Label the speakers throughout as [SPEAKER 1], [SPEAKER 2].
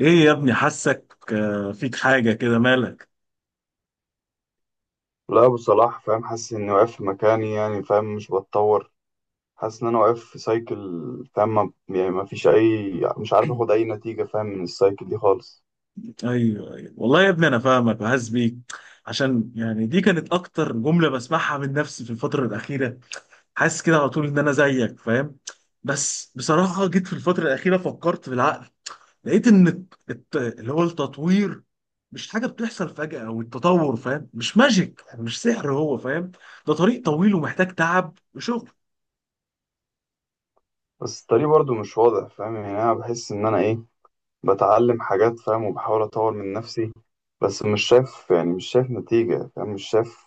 [SPEAKER 1] ايه يا ابني حاسك آه، فيك حاجة كده مالك؟
[SPEAKER 2] لا أبو صلاح، فاهم، حاسس إني واقف في مكاني، يعني فاهم مش بتطور. حاسس إن أنا واقف في سايكل. فاهم يعني ما فيش أي، مش عارف آخد أي نتيجة فاهم من السايكل دي خالص.
[SPEAKER 1] ايوه ايوه، والله يا ابني انا فاهمك وحاسس بيك. عشان يعني دي كانت اكتر جملة بسمعها من نفسي في الفترة الأخيرة. حاسس كده على طول ان انا زيك فاهم. بس بصراحة جيت في الفترة الأخيرة فكرت بالعقل، لقيت ان اللي هو التطوير مش حاجة بتحصل فجأة، او التطور فاهم، مش ماجيك يعني، مش سحر هو فاهم. ده طريق طويل ومحتاج تعب وشغل.
[SPEAKER 2] بس الطريق برضو مش واضح، فاهم؟ يعني أنا بحس إن أنا إيه، بتعلم حاجات فاهم وبحاول أطور من نفسي. بس مش شايف، يعني مش شايف نتيجة، فاهم مش شايف،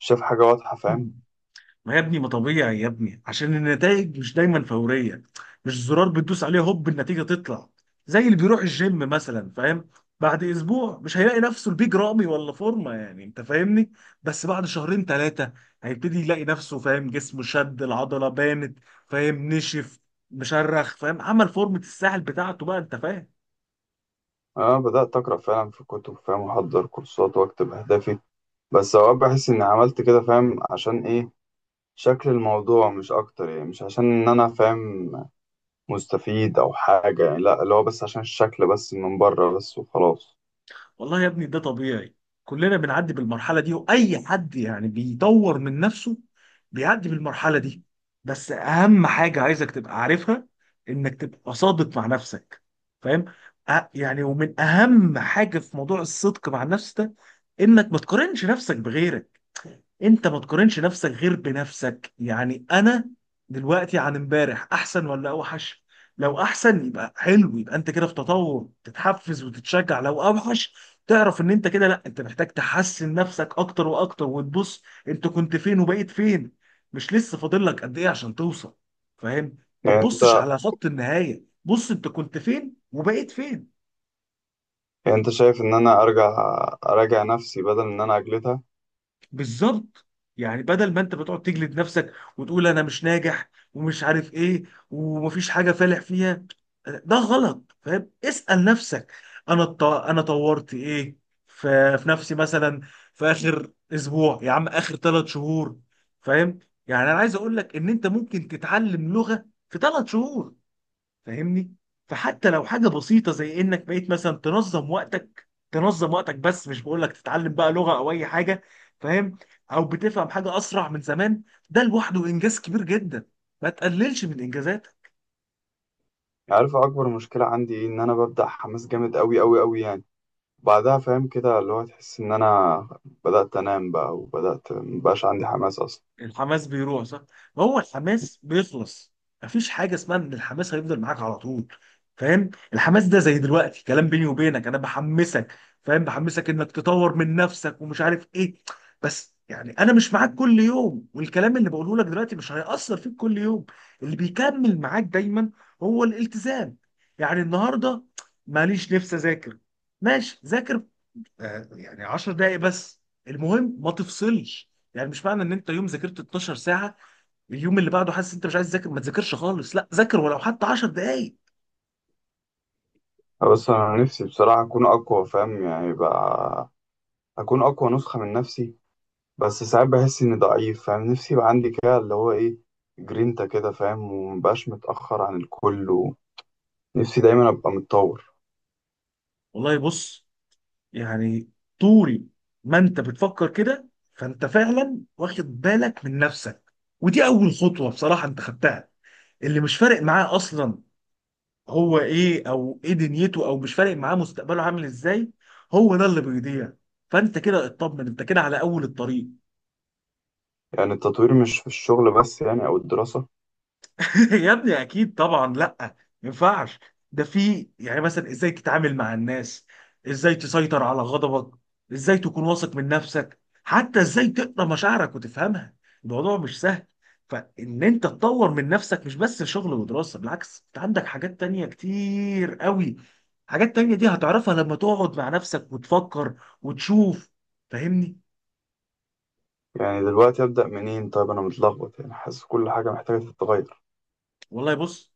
[SPEAKER 2] مش شايف حاجة واضحة فاهم.
[SPEAKER 1] ما يا ابني ما طبيعي يا ابني، عشان النتائج مش دايما فورية. مش زرار بتدوس عليه هوب النتيجة تطلع. زي اللي بيروح الجيم مثلا فاهم، بعد اسبوع مش هيلاقي نفسه البيج رامي ولا فورمة، يعني انت فاهمني. بس بعد شهرين ثلاثة هيبتدي يلاقي نفسه فاهم، جسمه شد، العضلة بانت فاهم، نشف، مشرخ فاهم، عمل فورمة الساحل بتاعته بقى انت فاهم.
[SPEAKER 2] أنا بدأت أقرأ فعلا في كتب فاهم، وأحضر كورسات، وأكتب أهدافي. بس أوقات بحس إني عملت كده فاهم عشان إيه، شكل الموضوع مش اكتر. يعني مش عشان ان انا فاهم مستفيد او حاجة، يعني لا، اللي هو بس عشان الشكل، بس من بره بس وخلاص.
[SPEAKER 1] والله يا ابني ده طبيعي، كلنا بنعدي بالمرحلة دي، وأي حد يعني بيطور من نفسه بيعدي بالمرحلة دي. بس أهم حاجة عايزك تبقى عارفها، إنك تبقى صادق مع نفسك فاهم؟ يعني ومن أهم حاجة في موضوع الصدق مع النفس ده، إنك ما تقارنش نفسك بغيرك. انت ما تقارنش نفسك غير بنفسك. يعني انا دلوقتي عن امبارح احسن ولا اوحش؟ لو احسن يبقى حلو، يبقى انت كده في تطور، تتحفز وتتشجع. لو اوحش تعرف ان انت كده لا، انت محتاج تحسن نفسك اكتر واكتر، وتبص انت كنت فين وبقيت فين، مش لسه فاضل لك قد ايه عشان توصل. فاهم، ما
[SPEAKER 2] يعني
[SPEAKER 1] تبصش
[SPEAKER 2] انت،
[SPEAKER 1] على خط النهاية، بص انت كنت فين وبقيت فين.
[SPEAKER 2] يعني انت شايف ان انا اراجع نفسي بدل ان انا اجلدها؟
[SPEAKER 1] بالظبط. يعني بدل ما انت بتقعد تجلد نفسك وتقول انا مش ناجح ومش عارف ايه ومفيش حاجه فالح فيها، ده غلط فاهم. اسال نفسك، انا انا طورت ايه في نفسي مثلا، في اخر اسبوع، يا عم اخر ثلاث شهور فاهم. يعني انا عايز اقول لك ان انت ممكن تتعلم لغه في ثلاث شهور فاهمني. فحتى لو حاجه بسيطه زي انك بقيت مثلا تنظم وقتك، تنظم وقتك بس، مش بقول لك تتعلم بقى لغه او اي حاجه فاهم، او بتفهم حاجه اسرع من زمان، ده لوحده انجاز كبير جدا. ما تقللش من انجازاتك.
[SPEAKER 2] يعني عارف اكبر مشكلة عندي ايه؟ ان انا ببدأ حماس جامد قوي قوي قوي، يعني بعدها فاهم كده اللي هو، تحس ان انا بدأت انام بقى، وبدأت مبقاش عندي حماس اصلا.
[SPEAKER 1] الحماس بيروح صح، ما هو الحماس بيخلص. مفيش حاجه اسمها ان الحماس هيفضل معاك على طول فاهم. الحماس ده زي دلوقتي كلام بيني وبينك، انا بحمسك فاهم، بحمسك انك تطور من نفسك ومش عارف ايه. بس يعني انا مش معاك كل يوم، والكلام اللي بقوله لك دلوقتي مش هيأثر فيك كل يوم. اللي بيكمل معاك دايما هو الالتزام. يعني النهارده ماليش نفس اذاكر، ماشي ذاكر آه، يعني 10 دقايق بس، المهم ما تفصلش. يعني مش معنى ان انت يوم ذاكرت 12 ساعه، اليوم اللي بعده حاسس انت مش عايز تذاكر ما تذاكرش خالص، لا ذاكر ولو حتى 10 دقايق.
[SPEAKER 2] بس انا نفسي بصراحة اكون اقوى، فاهم يعني بقى، اكون اقوى نسخة من نفسي. بس ساعات بحس اني ضعيف فاهم، نفسي يبقى عندي كده اللي هو ايه، جرينتا كده فاهم، ومبقاش متأخر عن الكل، ونفسي دايما ابقى متطور.
[SPEAKER 1] والله بص، يعني طول ما انت بتفكر كده، فانت فعلا واخد بالك من نفسك، ودي اول خطوه بصراحه انت خدتها. اللي مش فارق معاه اصلا هو ايه، او ايه دنيته، او مش فارق معاه مستقبله عامل ازاي، هو ده اللي بيضيع. فانت كده اطمن، انت كده على اول الطريق.
[SPEAKER 2] يعني التطوير مش في الشغل بس، يعني او الدراسة؟
[SPEAKER 1] يا ابني اكيد طبعا، لا ما ينفعش. ده في يعني مثلا ازاي تتعامل مع الناس، ازاي تسيطر على غضبك، ازاي تكون واثق من نفسك، حتى ازاي تقرا مشاعرك وتفهمها. الموضوع مش سهل. فان انت تطور من نفسك مش بس شغل ودراسة، بالعكس انت عندك حاجات تانية كتير قوي. حاجات تانية دي هتعرفها لما تقعد مع نفسك وتفكر وتشوف فاهمني.
[SPEAKER 2] يعني دلوقتي ابدأ منين؟ طيب انا متلخبط، يعني حاسس كل حاجة محتاجة تتغير.
[SPEAKER 1] والله بص،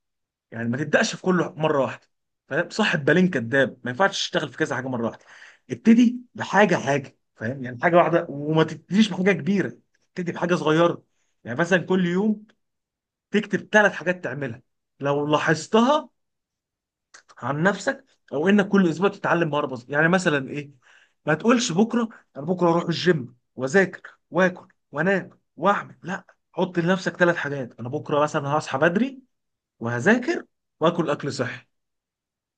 [SPEAKER 1] يعني ما تبداش في كله مره واحده فاهم، صاحب بالين كداب، ما ينفعش تشتغل في كذا حاجه مره واحده. ابتدي بحاجه حاجه فاهم، يعني حاجه واحده، وما تبتديش بحاجه كبيره، ابتدي بحاجه صغيره. يعني مثلا كل يوم تكتب ثلاث حاجات تعملها لو لاحظتها عن نفسك، او انك كل اسبوع تتعلم مهاره بسيطه. يعني مثلا ايه، ما تقولش بكره انا بكره اروح الجيم واذاكر واكل وانام واعمل، لا. حط لنفسك ثلاث حاجات، انا بكره مثلا هصحى بدري وهذاكر واكل اكل صحي.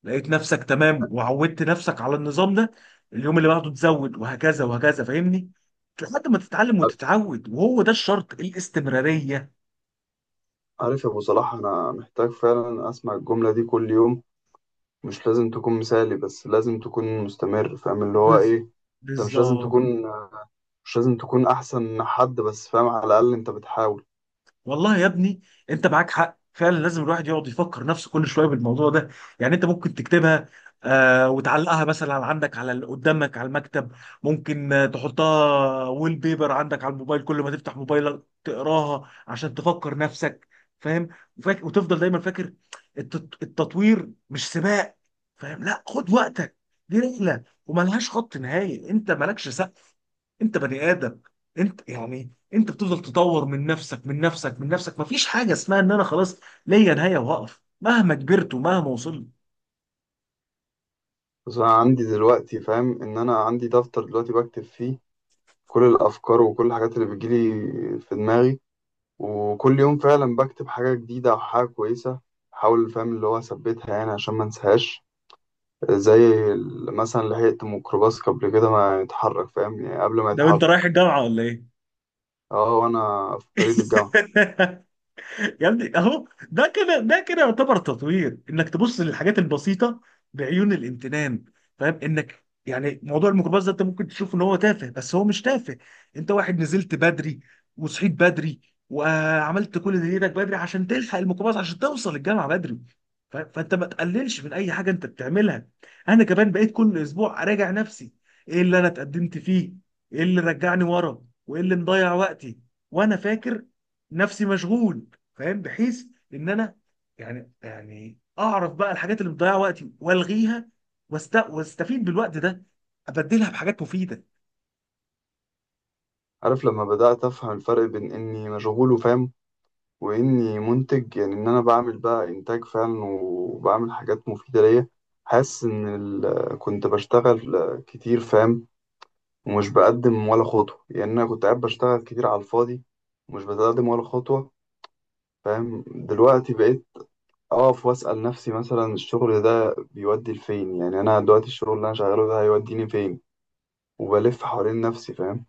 [SPEAKER 1] لقيت نفسك تمام وعودت نفسك على النظام ده، اليوم اللي بعده تزود، وهكذا وهكذا فاهمني، لحد ما تتعلم وتتعود، وهو ده الشرط، الاستمرارية.
[SPEAKER 2] عارف يا ابو صلاح، انا محتاج فعلا اسمع الجملة دي كل يوم. مش لازم تكون مثالي، بس لازم تكون مستمر، فاهم اللي هو
[SPEAKER 1] بز...
[SPEAKER 2] ايه. انت مش لازم
[SPEAKER 1] بالظبط.
[SPEAKER 2] تكون، مش لازم تكون احسن حد، بس فاهم على الاقل انت بتحاول.
[SPEAKER 1] والله يا ابني انت معاك حق، فعلا لازم الواحد يقعد يفكر نفسه كل شويه بالموضوع ده. يعني انت ممكن تكتبها آه، وتعلقها مثلا عندك على قدامك على المكتب، ممكن آه، تحطها ويل بيبر عندك على الموبايل، كل ما تفتح موبايلك تقراها عشان تفكر نفسك فاهم. وتفضل دايما فاكر، التطوير مش سباق فاهم، لا خد وقتك. دي رحله وملهاش خط نهائي، انت مالكش سقف، انت بني ادم، انت يعني انت بتفضل تطور من نفسك، من نفسك من نفسك، مفيش حاجه اسمها ان انا خلاص ليا نهايه واقف، مهما كبرت ومهما وصلت.
[SPEAKER 2] بس انا عندي دلوقتي فاهم ان انا عندي دفتر دلوقتي بكتب فيه كل الافكار وكل الحاجات اللي بتجيلي في دماغي. وكل يوم فعلا بكتب حاجه جديده او حاجه كويسه، احاول فاهم اللي هو اثبتها، يعني عشان ما انساهاش. زي مثلا لحقت ميكروباص قبل كده ما يتحرك، فاهم يعني قبل ما
[SPEAKER 1] ده انت رايح
[SPEAKER 2] يتحرك.
[SPEAKER 1] الجامعه ولا ايه؟
[SPEAKER 2] اه، وانا في الطريق للجامعه.
[SPEAKER 1] يا ابني اهو ده كده، ده كده يعتبر تطوير، انك تبص للحاجات البسيطه بعيون الامتنان فاهم. انك يعني موضوع الميكروباص ده انت ممكن تشوف ان هو تافه، بس هو مش تافه. انت واحد نزلت بدري وصحيت بدري وعملت كل اللي ايدك بدري عشان تلحق الميكروباص، عشان توصل الجامعه بدري. فانت ما تقللش من اي حاجه انت بتعملها. انا كمان بقيت كل اسبوع اراجع نفسي، ايه اللي انا اتقدمت فيه، ايه اللي رجعني ورا، وايه اللي مضيع وقتي وانا فاكر نفسي مشغول فاهم، بحيث ان انا يعني اعرف بقى الحاجات اللي مضيعه وقتي والغيها، واستفيد بالوقت ده، ابدلها بحاجات مفيده.
[SPEAKER 2] عارف لما بدات افهم الفرق بين اني مشغول وفاهم، واني منتج، يعني ان انا بعمل بقى انتاج فعلا وبعمل حاجات مفيده ليا. حاسس ان كنت بشتغل كتير فاهم، ومش بقدم ولا خطوه. يعني انا كنت قاعد بشتغل كتير على الفاضي، ومش بتقدم ولا خطوه. فاهم دلوقتي بقيت اقف واسال نفسي مثلا، الشغل ده بيودي لفين؟ يعني انا دلوقتي الشغل اللي انا شغاله ده هيوديني فين؟ وبلف حوالين نفسي فاهم.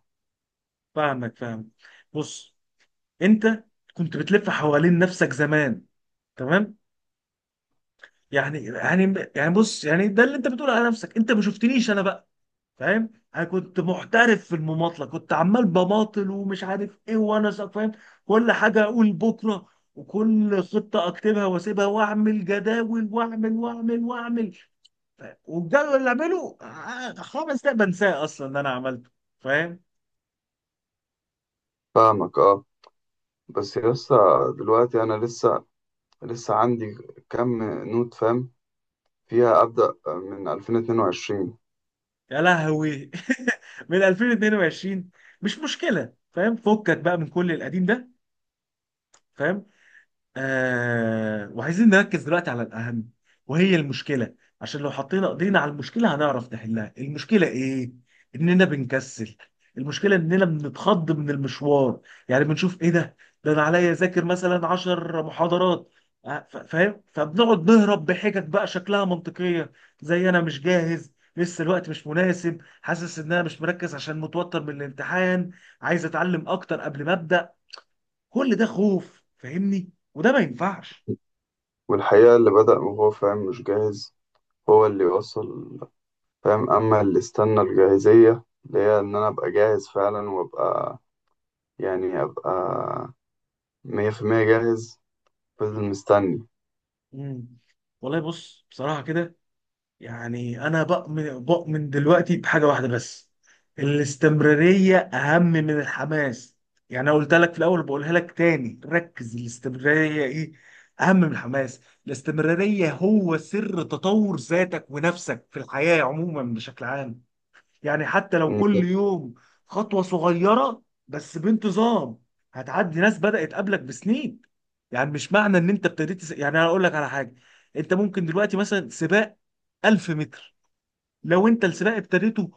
[SPEAKER 1] فاهمك فاهم. بص انت كنت بتلف حوالين نفسك زمان، تمام؟ يعني بص، يعني ده اللي انت بتقوله على نفسك انت ما شفتنيش انا بقى فاهم. انا كنت محترف في المماطله، كنت عمال بماطل ومش عارف ايه، وانا فاهم. كل حاجه اقول بكره، وكل خطه اكتبها واسيبها، واعمل جداول واعمل واعمل واعمل فاهم؟ والجدول اللي اعمله آه، خمس دقايق بنساه اصلا ان انا عملته فاهم.
[SPEAKER 2] فاهمك اه. بس لسه، دلوقتي انا لسه عندي كم نوت فاهم، فيها أبدأ من 2022.
[SPEAKER 1] يا لهوي، من 2022! مش مشكله فاهم، فكك بقى من كل القديم ده فاهم. آه، وعايزين نركز دلوقتي على الأهم، وهي المشكلة. عشان لو حطينا ايدينا على المشكلة هنعرف نحلها. المشكلة ايه؟ اننا بنكسل. المشكلة اننا بنتخض من المشوار. يعني بنشوف ايه ده؟ ده انا عليا اذاكر مثلا 10 محاضرات آه، فاهم؟ فبنقعد نهرب بحجج بقى شكلها منطقية، زي انا مش جاهز لسه، الوقت مش مناسب، حاسس ان انا مش مركز عشان متوتر من الامتحان، عايز اتعلم اكتر قبل ما ابدا. كل ده خوف فاهمني، وده ما ينفعش.
[SPEAKER 2] والحقيقة اللي بدأ وهو فاهم مش جاهز، هو اللي يوصل. فاهم أما اللي استنى الجاهزية، اللي هي إن أنا أبقى جاهز فعلا، وأبقى يعني أبقى 100% جاهز، فضل مستني.
[SPEAKER 1] مم. والله بص، بصراحة كده يعني أنا بؤمن دلوقتي بحاجة واحدة بس، الاستمرارية أهم من الحماس. يعني أنا قلت لك في الأول، بقولها لك تاني، ركز، الاستمرارية إيه؟ أهم من الحماس. الاستمرارية هو سر تطور ذاتك ونفسك في الحياة عموما بشكل عام. يعني حتى لو
[SPEAKER 2] أنت
[SPEAKER 1] كل يوم خطوة صغيرة بس بانتظام، هتعدي ناس بدأت قبلك بسنين. يعني مش معنى ان انت ابتديت يعني انا اقول لك على حاجة، انت ممكن دلوقتي مثلا سباق 1000 متر، لو انت السباق ابتديته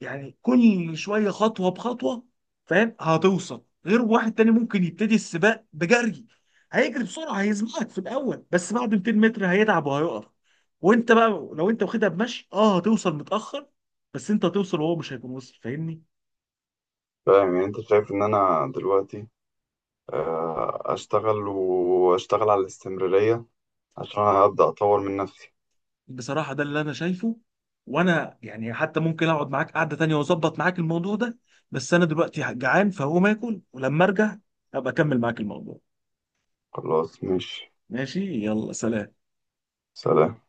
[SPEAKER 1] يعني كل شويه خطوه بخطوه فاهم، هتوصل. غير واحد تاني ممكن يبتدي السباق بجري، هيجري بسرعه هيسبقك في الاول، بس بعد 200 متر هيتعب وهيقف. وانت بقى لو انت واخدها بمشي اه هتوصل متاخر، بس انت هتوصل وهو مش هيكون وصل فاهمني.
[SPEAKER 2] فاهم؟ يعني أنت شايف إن أنا دلوقتي أشتغل وأشتغل على الاستمرارية عشان أبدأ أطور من نفسي؟
[SPEAKER 1] بصراحه ده اللي انا شايفه. وانا يعني حتى ممكن اقعد معاك قعده تانيه واظبط معاك الموضوع ده، بس انا دلوقتي جعان فهقوم اكل ولما ارجع ابقى اكمل معاك الموضوع.
[SPEAKER 2] خلاص ماشي.
[SPEAKER 1] ماشي يلا سلام.
[SPEAKER 2] سلام.